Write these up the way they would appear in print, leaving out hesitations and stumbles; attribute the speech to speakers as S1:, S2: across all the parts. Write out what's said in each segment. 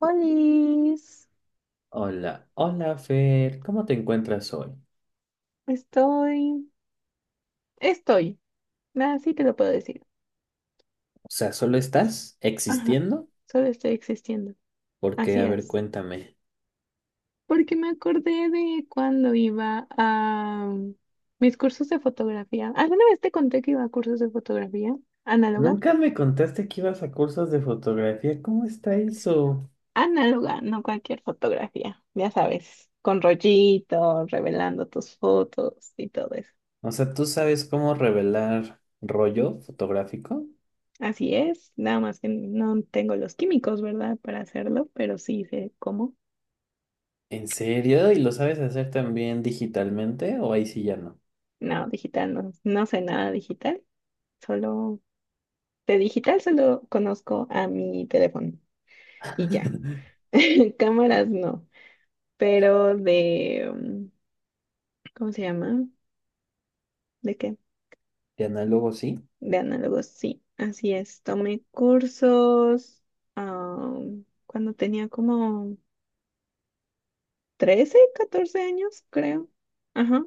S1: Olis,
S2: Hola, hola Fer, ¿cómo te encuentras hoy?
S1: estoy, estoy, así te lo puedo decir.
S2: O sea, ¿solo estás
S1: Ajá,
S2: existiendo?
S1: solo estoy existiendo.
S2: Porque,
S1: Así
S2: a ver,
S1: es.
S2: cuéntame.
S1: Porque me acordé de cuando iba a mis cursos de fotografía. ¿Alguna vez te conté que iba a cursos de fotografía? ¿Análoga?
S2: Nunca me contaste que ibas a cursos de fotografía, ¿cómo está eso?
S1: Análoga, no cualquier fotografía, ya sabes, con rollito, revelando tus fotos y todo eso.
S2: O sea, ¿tú sabes cómo revelar rollo fotográfico?
S1: Así es, nada más que no tengo los químicos, ¿verdad? Para hacerlo, pero sí sé cómo.
S2: ¿En serio? ¿Y lo sabes hacer también digitalmente? ¿O ahí sí ya no?
S1: No, digital no, no sé nada digital, solo de digital solo conozco a mi teléfono y ya. Cámaras no, pero ¿cómo se llama? ¿De qué?
S2: ¿De análogo sí?
S1: De análogos, sí, así es. Tomé cursos ah, cuando tenía como 13 14 años, creo. Ajá.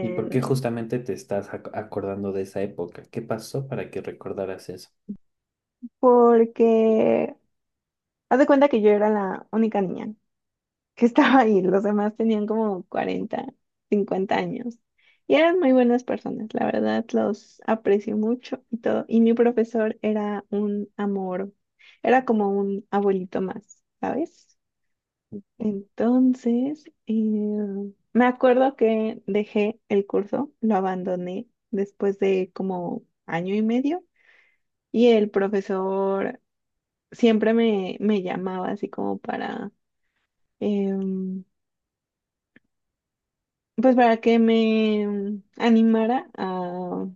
S2: ¿Y por qué justamente te estás acordando de esa época? ¿Qué pasó para que recordaras eso?
S1: Porque haz de cuenta que yo era la única niña que estaba ahí. Los demás tenían como 40 50 años. Y eran muy buenas personas, la verdad, los aprecio mucho y todo. Y mi profesor era un amor, era como un abuelito más, ¿sabes? Entonces, me acuerdo que dejé el curso, lo abandoné después de como año y medio y el profesor siempre me, me llamaba así como para, em, pues para que me animara a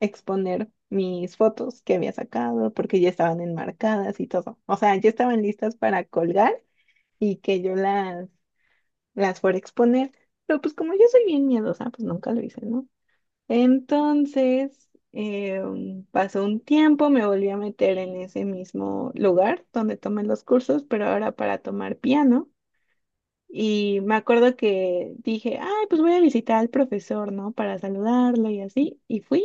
S1: exponer mis fotos que había sacado, porque ya estaban enmarcadas y todo. O sea, ya estaban listas para colgar y que yo las fuera a exponer. Pero pues como yo soy bien miedosa, pues nunca lo hice, ¿no? Entonces, pasó un tiempo, me volví a meter en ese mismo lugar donde tomé los cursos, pero ahora para tomar piano. Y me acuerdo que dije, ay, pues voy a visitar al profesor, ¿no? Para saludarlo y así. Y fui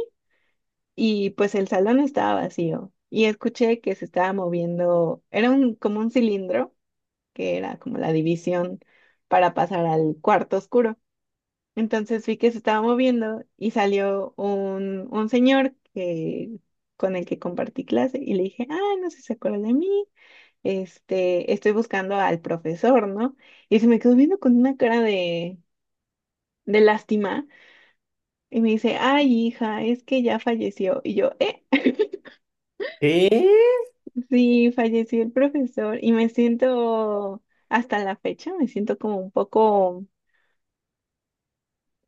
S1: y pues el salón estaba vacío. Y escuché que se estaba moviendo, era como un cilindro, que era como la división para pasar al cuarto oscuro. Entonces vi que se estaba moviendo y salió un señor que, con el que compartí clase y le dije, ay, no sé si se acuerda de mí, este, estoy buscando al profesor, ¿no? Y se me quedó viendo con una cara de lástima y me dice, ay, hija, es que ya falleció. Y yo,
S2: ¿Qué?
S1: sí, falleció el profesor y me siento, hasta la fecha, me siento como un poco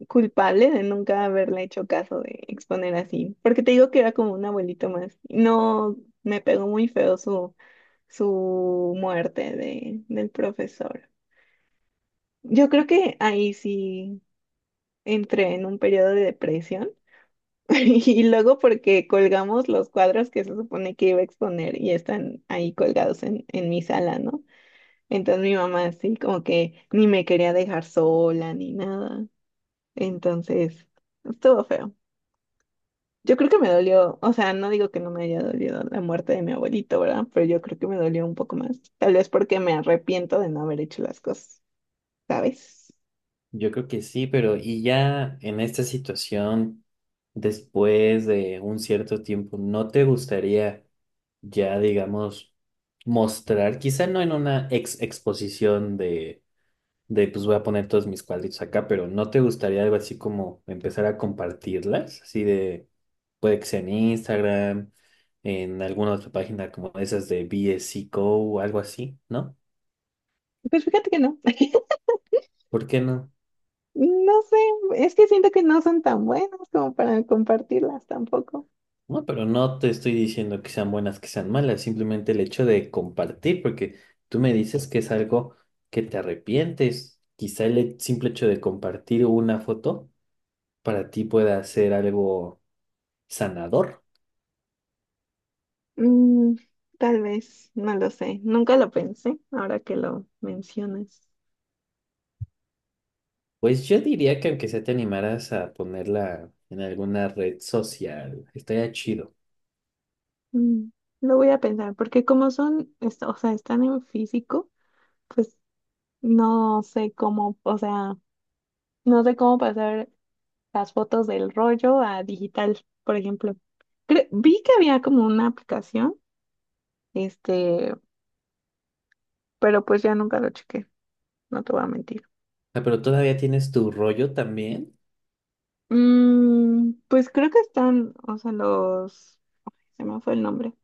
S1: culpable de nunca haberle hecho caso de exponer así, porque te digo que era como un abuelito más. No, me pegó muy feo su muerte del profesor. Yo creo que ahí sí entré en un periodo de depresión. Y luego porque colgamos los cuadros que se supone que iba a exponer y están ahí colgados en mi sala, ¿no? Entonces mi mamá así como que ni me quería dejar sola ni nada. Entonces, estuvo feo. Yo creo que me dolió, o sea, no digo que no me haya dolido la muerte de mi abuelito, ¿verdad? Pero yo creo que me dolió un poco más. Tal vez porque me arrepiento de no haber hecho las cosas, ¿sabes?
S2: Yo creo que sí, pero y ya en esta situación, después de un cierto tiempo, ¿no te gustaría ya, digamos, mostrar, quizá no en una ex exposición de, pues voy a poner todos mis cuadritos acá, pero ¿no te gustaría algo así como empezar a compartirlas? Así de, puede que sea en Instagram, en alguna otra página como esas de BSC Co o algo así, ¿no?
S1: Pues fíjate que no.
S2: ¿Por qué no?
S1: No sé, es que siento que no son tan buenas como para compartirlas tampoco.
S2: No, pero no te estoy diciendo que sean buenas, que sean malas, simplemente el hecho de compartir, porque tú me dices que es algo que te arrepientes. Quizá el simple hecho de compartir una foto para ti pueda ser algo sanador.
S1: Mm, tal vez, no lo sé. Nunca lo pensé, ahora que lo mencionas.
S2: Pues yo diría que aunque sea te animaras a ponerla en alguna red social, estaría chido.
S1: Mm, lo voy a pensar, porque como son, o sea, están en físico, pues no sé cómo, o sea, no sé cómo pasar las fotos del rollo a digital, por ejemplo. Vi que había como una aplicación, este, pero pues ya nunca lo chequé, no te voy a mentir.
S2: Ah, pero todavía tienes tu rollo también.
S1: Mm, pues creo que están, o sea, se me fue el nombre.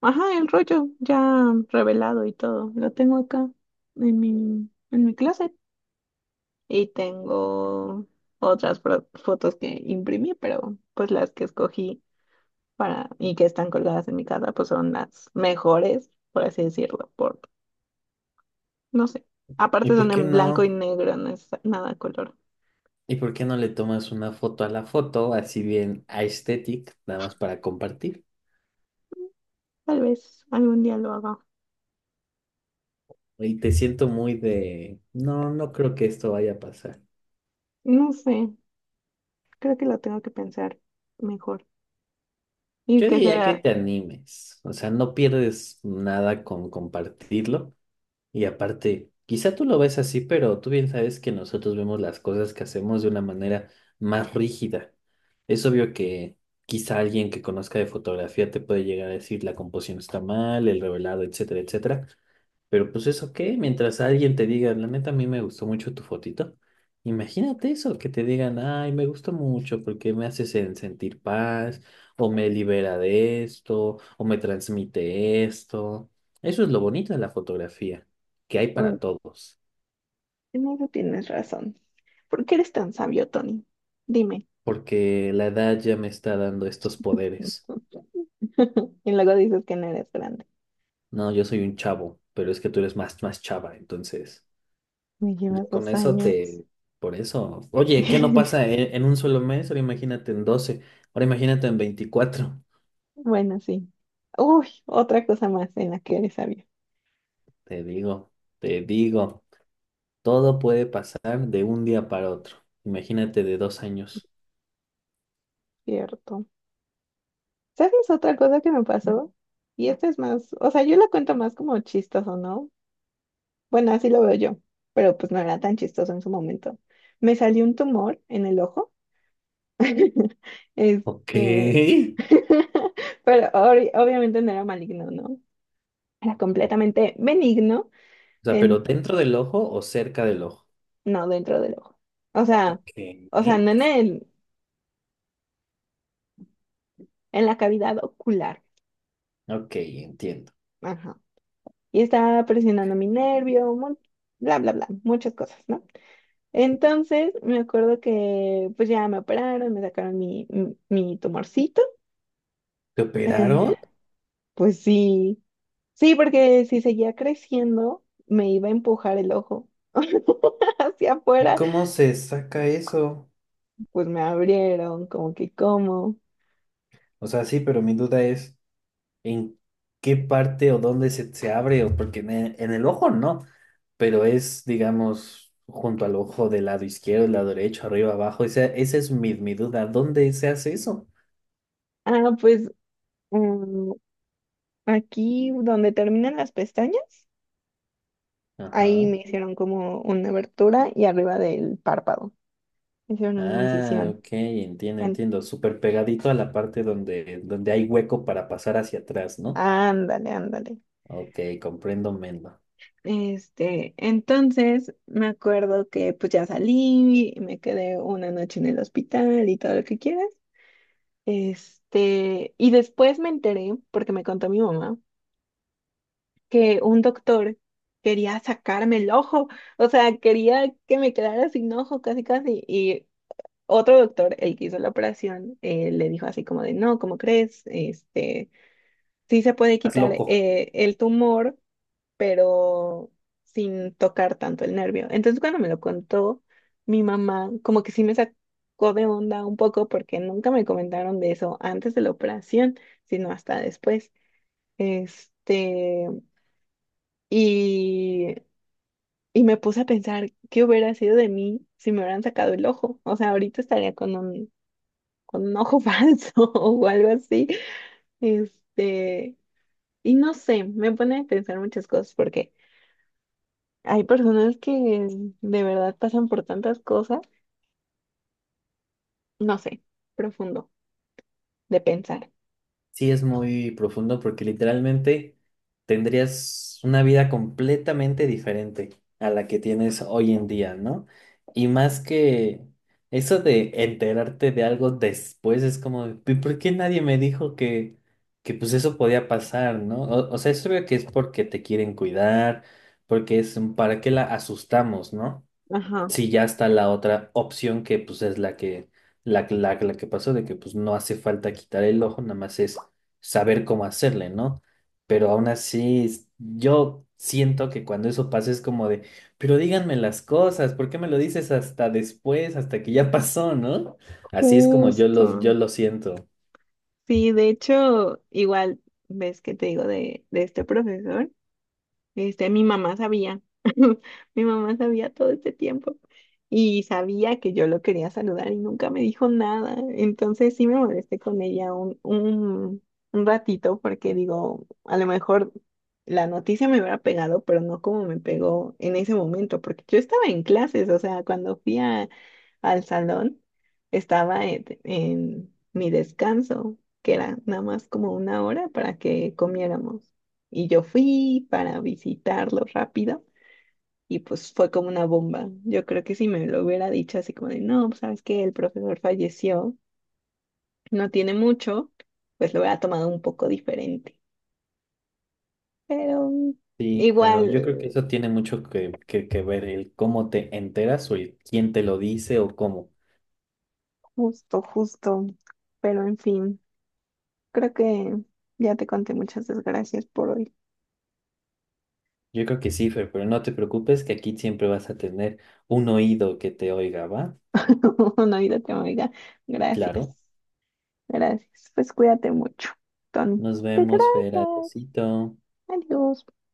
S1: Ajá, el rollo ya revelado y todo. Lo tengo acá en mi closet. Y tengo otras fotos que imprimí, pero pues las que escogí para y que están colgadas en mi casa, pues son las mejores, por así decirlo, por, no sé.
S2: ¿Y
S1: Aparte
S2: por
S1: son
S2: qué
S1: en blanco y
S2: no?
S1: negro, no es nada a color.
S2: ¿Y por qué no le tomas una foto a la foto, así bien aesthetic, nada más para compartir?
S1: Tal vez algún día lo haga.
S2: Y te siento muy de, no, no creo que esto vaya a pasar.
S1: No sé, creo que lo tengo que pensar mejor y
S2: Yo
S1: que se
S2: diría que
S1: vea.
S2: te animes, o sea, no pierdes nada con compartirlo. Y aparte, quizá tú lo ves así, pero tú bien sabes que nosotros vemos las cosas que hacemos de una manera más rígida. Es obvio que quizá alguien que conozca de fotografía te puede llegar a decir la composición está mal, el revelado, etcétera, etcétera. Pero pues eso qué, mientras alguien te diga, la neta a mí me gustó mucho tu fotito, imagínate eso, que te digan, ay, me gustó mucho porque me hace sentir paz, o me libera de esto, o me transmite esto. Eso es lo bonito de la fotografía, que hay
S1: Mm,
S2: para todos,
S1: en eso tienes razón. ¿Por qué eres tan sabio, Tony? Dime.
S2: porque la edad ya me está dando estos poderes.
S1: Y luego dices que no eres grande.
S2: No, yo soy un chavo, pero es que tú eres más chava, entonces...
S1: Me llevas
S2: Yo con
S1: dos
S2: eso
S1: años.
S2: te... Por eso. Oye, ¿qué no pasa en un solo mes? Ahora imagínate en doce. Ahora imagínate en veinticuatro.
S1: Bueno, sí. Uy, otra cosa más en la que eres sabio,
S2: Te digo, te digo. Todo puede pasar de un día para otro. Imagínate de dos años.
S1: cierto. ¿Sabes otra cosa que me pasó? Y esta es más, o sea, yo la cuento más como chistoso, ¿no? Bueno, así lo veo yo, pero pues no era tan chistoso en su momento. Me salió un tumor en el ojo.
S2: Ok.
S1: Este, pero obviamente no era maligno, ¿no? Era
S2: O
S1: completamente benigno.
S2: sea, pero
S1: En,
S2: dentro del ojo o cerca del ojo.
S1: no, dentro del ojo. O sea,
S2: ¿Qué?
S1: o sea, no en en la cavidad ocular.
S2: Ok, entiendo.
S1: Ajá. Y estaba presionando mi nervio, bla, bla, bla, muchas cosas, ¿no? Entonces, me acuerdo que pues ya me operaron, me sacaron mi tumorcito.
S2: ¿Te
S1: Eh,
S2: operaron?
S1: pues sí, sí, porque si seguía creciendo, me iba a empujar el ojo hacia
S2: ¿Y
S1: afuera.
S2: cómo se saca eso?
S1: Pues me abrieron, como que, ¿cómo?
S2: O sea, sí, pero mi duda es... en qué parte o dónde se abre, o porque en el ojo no, pero es, digamos, junto al ojo del lado izquierdo, del lado derecho, arriba, abajo. Esa es mi duda. ¿Dónde se hace eso?
S1: Ah, pues mm, aquí donde terminan las pestañas, ahí
S2: Ajá.
S1: me hicieron como una abertura y arriba del párpado me hicieron una
S2: Ah,
S1: incisión.
S2: ok,
S1: En-
S2: entiendo. Súper pegadito a la parte donde, donde hay hueco para pasar hacia atrás, ¿no?
S1: Ándale, ándale.
S2: Ok, comprendo, Mendo.
S1: Este, entonces me acuerdo que pues ya salí, me quedé una noche en el hospital y todo lo que quieras. Este, y después me enteré, porque me contó mi mamá, que un doctor quería sacarme el ojo, o sea, quería que me quedara sin ojo, casi, casi, y otro doctor, el que hizo la operación, le dijo así como de, no, ¿cómo crees? Este, sí se puede
S2: Estás
S1: quitar
S2: loco.
S1: el tumor, pero sin tocar tanto el nervio. Entonces, cuando me lo contó mi mamá, como que sí me sacó de onda un poco porque nunca me comentaron de eso antes de la operación, sino hasta después. Este, y, y me puse a pensar qué hubiera sido de mí si me hubieran sacado el ojo. O sea, ahorita estaría con un ojo falso o algo así. Este, y no sé, me pone a pensar muchas cosas porque hay personas que de verdad pasan por tantas cosas, no sé, profundo de pensar.
S2: Sí, es muy profundo porque literalmente tendrías una vida completamente diferente a la que tienes hoy en día, ¿no? Y más que eso de enterarte de algo después es como, "¿Y ¿por qué nadie me dijo que pues eso podía pasar, ¿no? O sea, es obvio que es porque te quieren cuidar, porque es un para qué la asustamos, ¿no?
S1: Ajá,
S2: Sí, ya está la otra opción que pues es la que, la que pasó, de que pues no hace falta quitar el ojo, nada más es saber cómo hacerle, ¿no? Pero aún así, yo siento que cuando eso pasa es como de, pero díganme las cosas, ¿por qué me lo dices hasta después, hasta que ya pasó, ¿no? Así es como yo
S1: justo.
S2: lo siento.
S1: Sí, de hecho, igual ves que te digo de este profesor. Este, mi mamá sabía, mi mamá sabía todo este tiempo y sabía que yo lo quería saludar y nunca me dijo nada. Entonces sí me molesté con ella un ratito porque digo, a lo mejor la noticia me hubiera pegado, pero no como me pegó en ese momento, porque yo estaba en clases, o sea, cuando fui al salón, estaba en mi descanso, que era nada más como una hora para que comiéramos. Y yo fui para visitarlo rápido y pues fue como una bomba. Yo creo que si me lo hubiera dicho así como de, no, pues, sabes que el profesor falleció, no tiene mucho, pues lo hubiera tomado un poco diferente. Pero
S2: Sí, claro,
S1: igual,
S2: yo creo que eso tiene mucho que ver el cómo te enteras o el quién te lo dice o cómo.
S1: justo, justo. Pero en fin, creo que ya te conté muchas desgracias por hoy.
S2: Yo creo que sí, Fer, pero no te preocupes que aquí siempre vas a tener un oído que te oiga, ¿va?
S1: No, Navidad, amiga. Gracias,
S2: Claro.
S1: gracias. Pues cuídate mucho, Tony.
S2: Nos
S1: Que
S2: vemos, Fer.
S1: gracias.
S2: Adiósito.
S1: Adiós.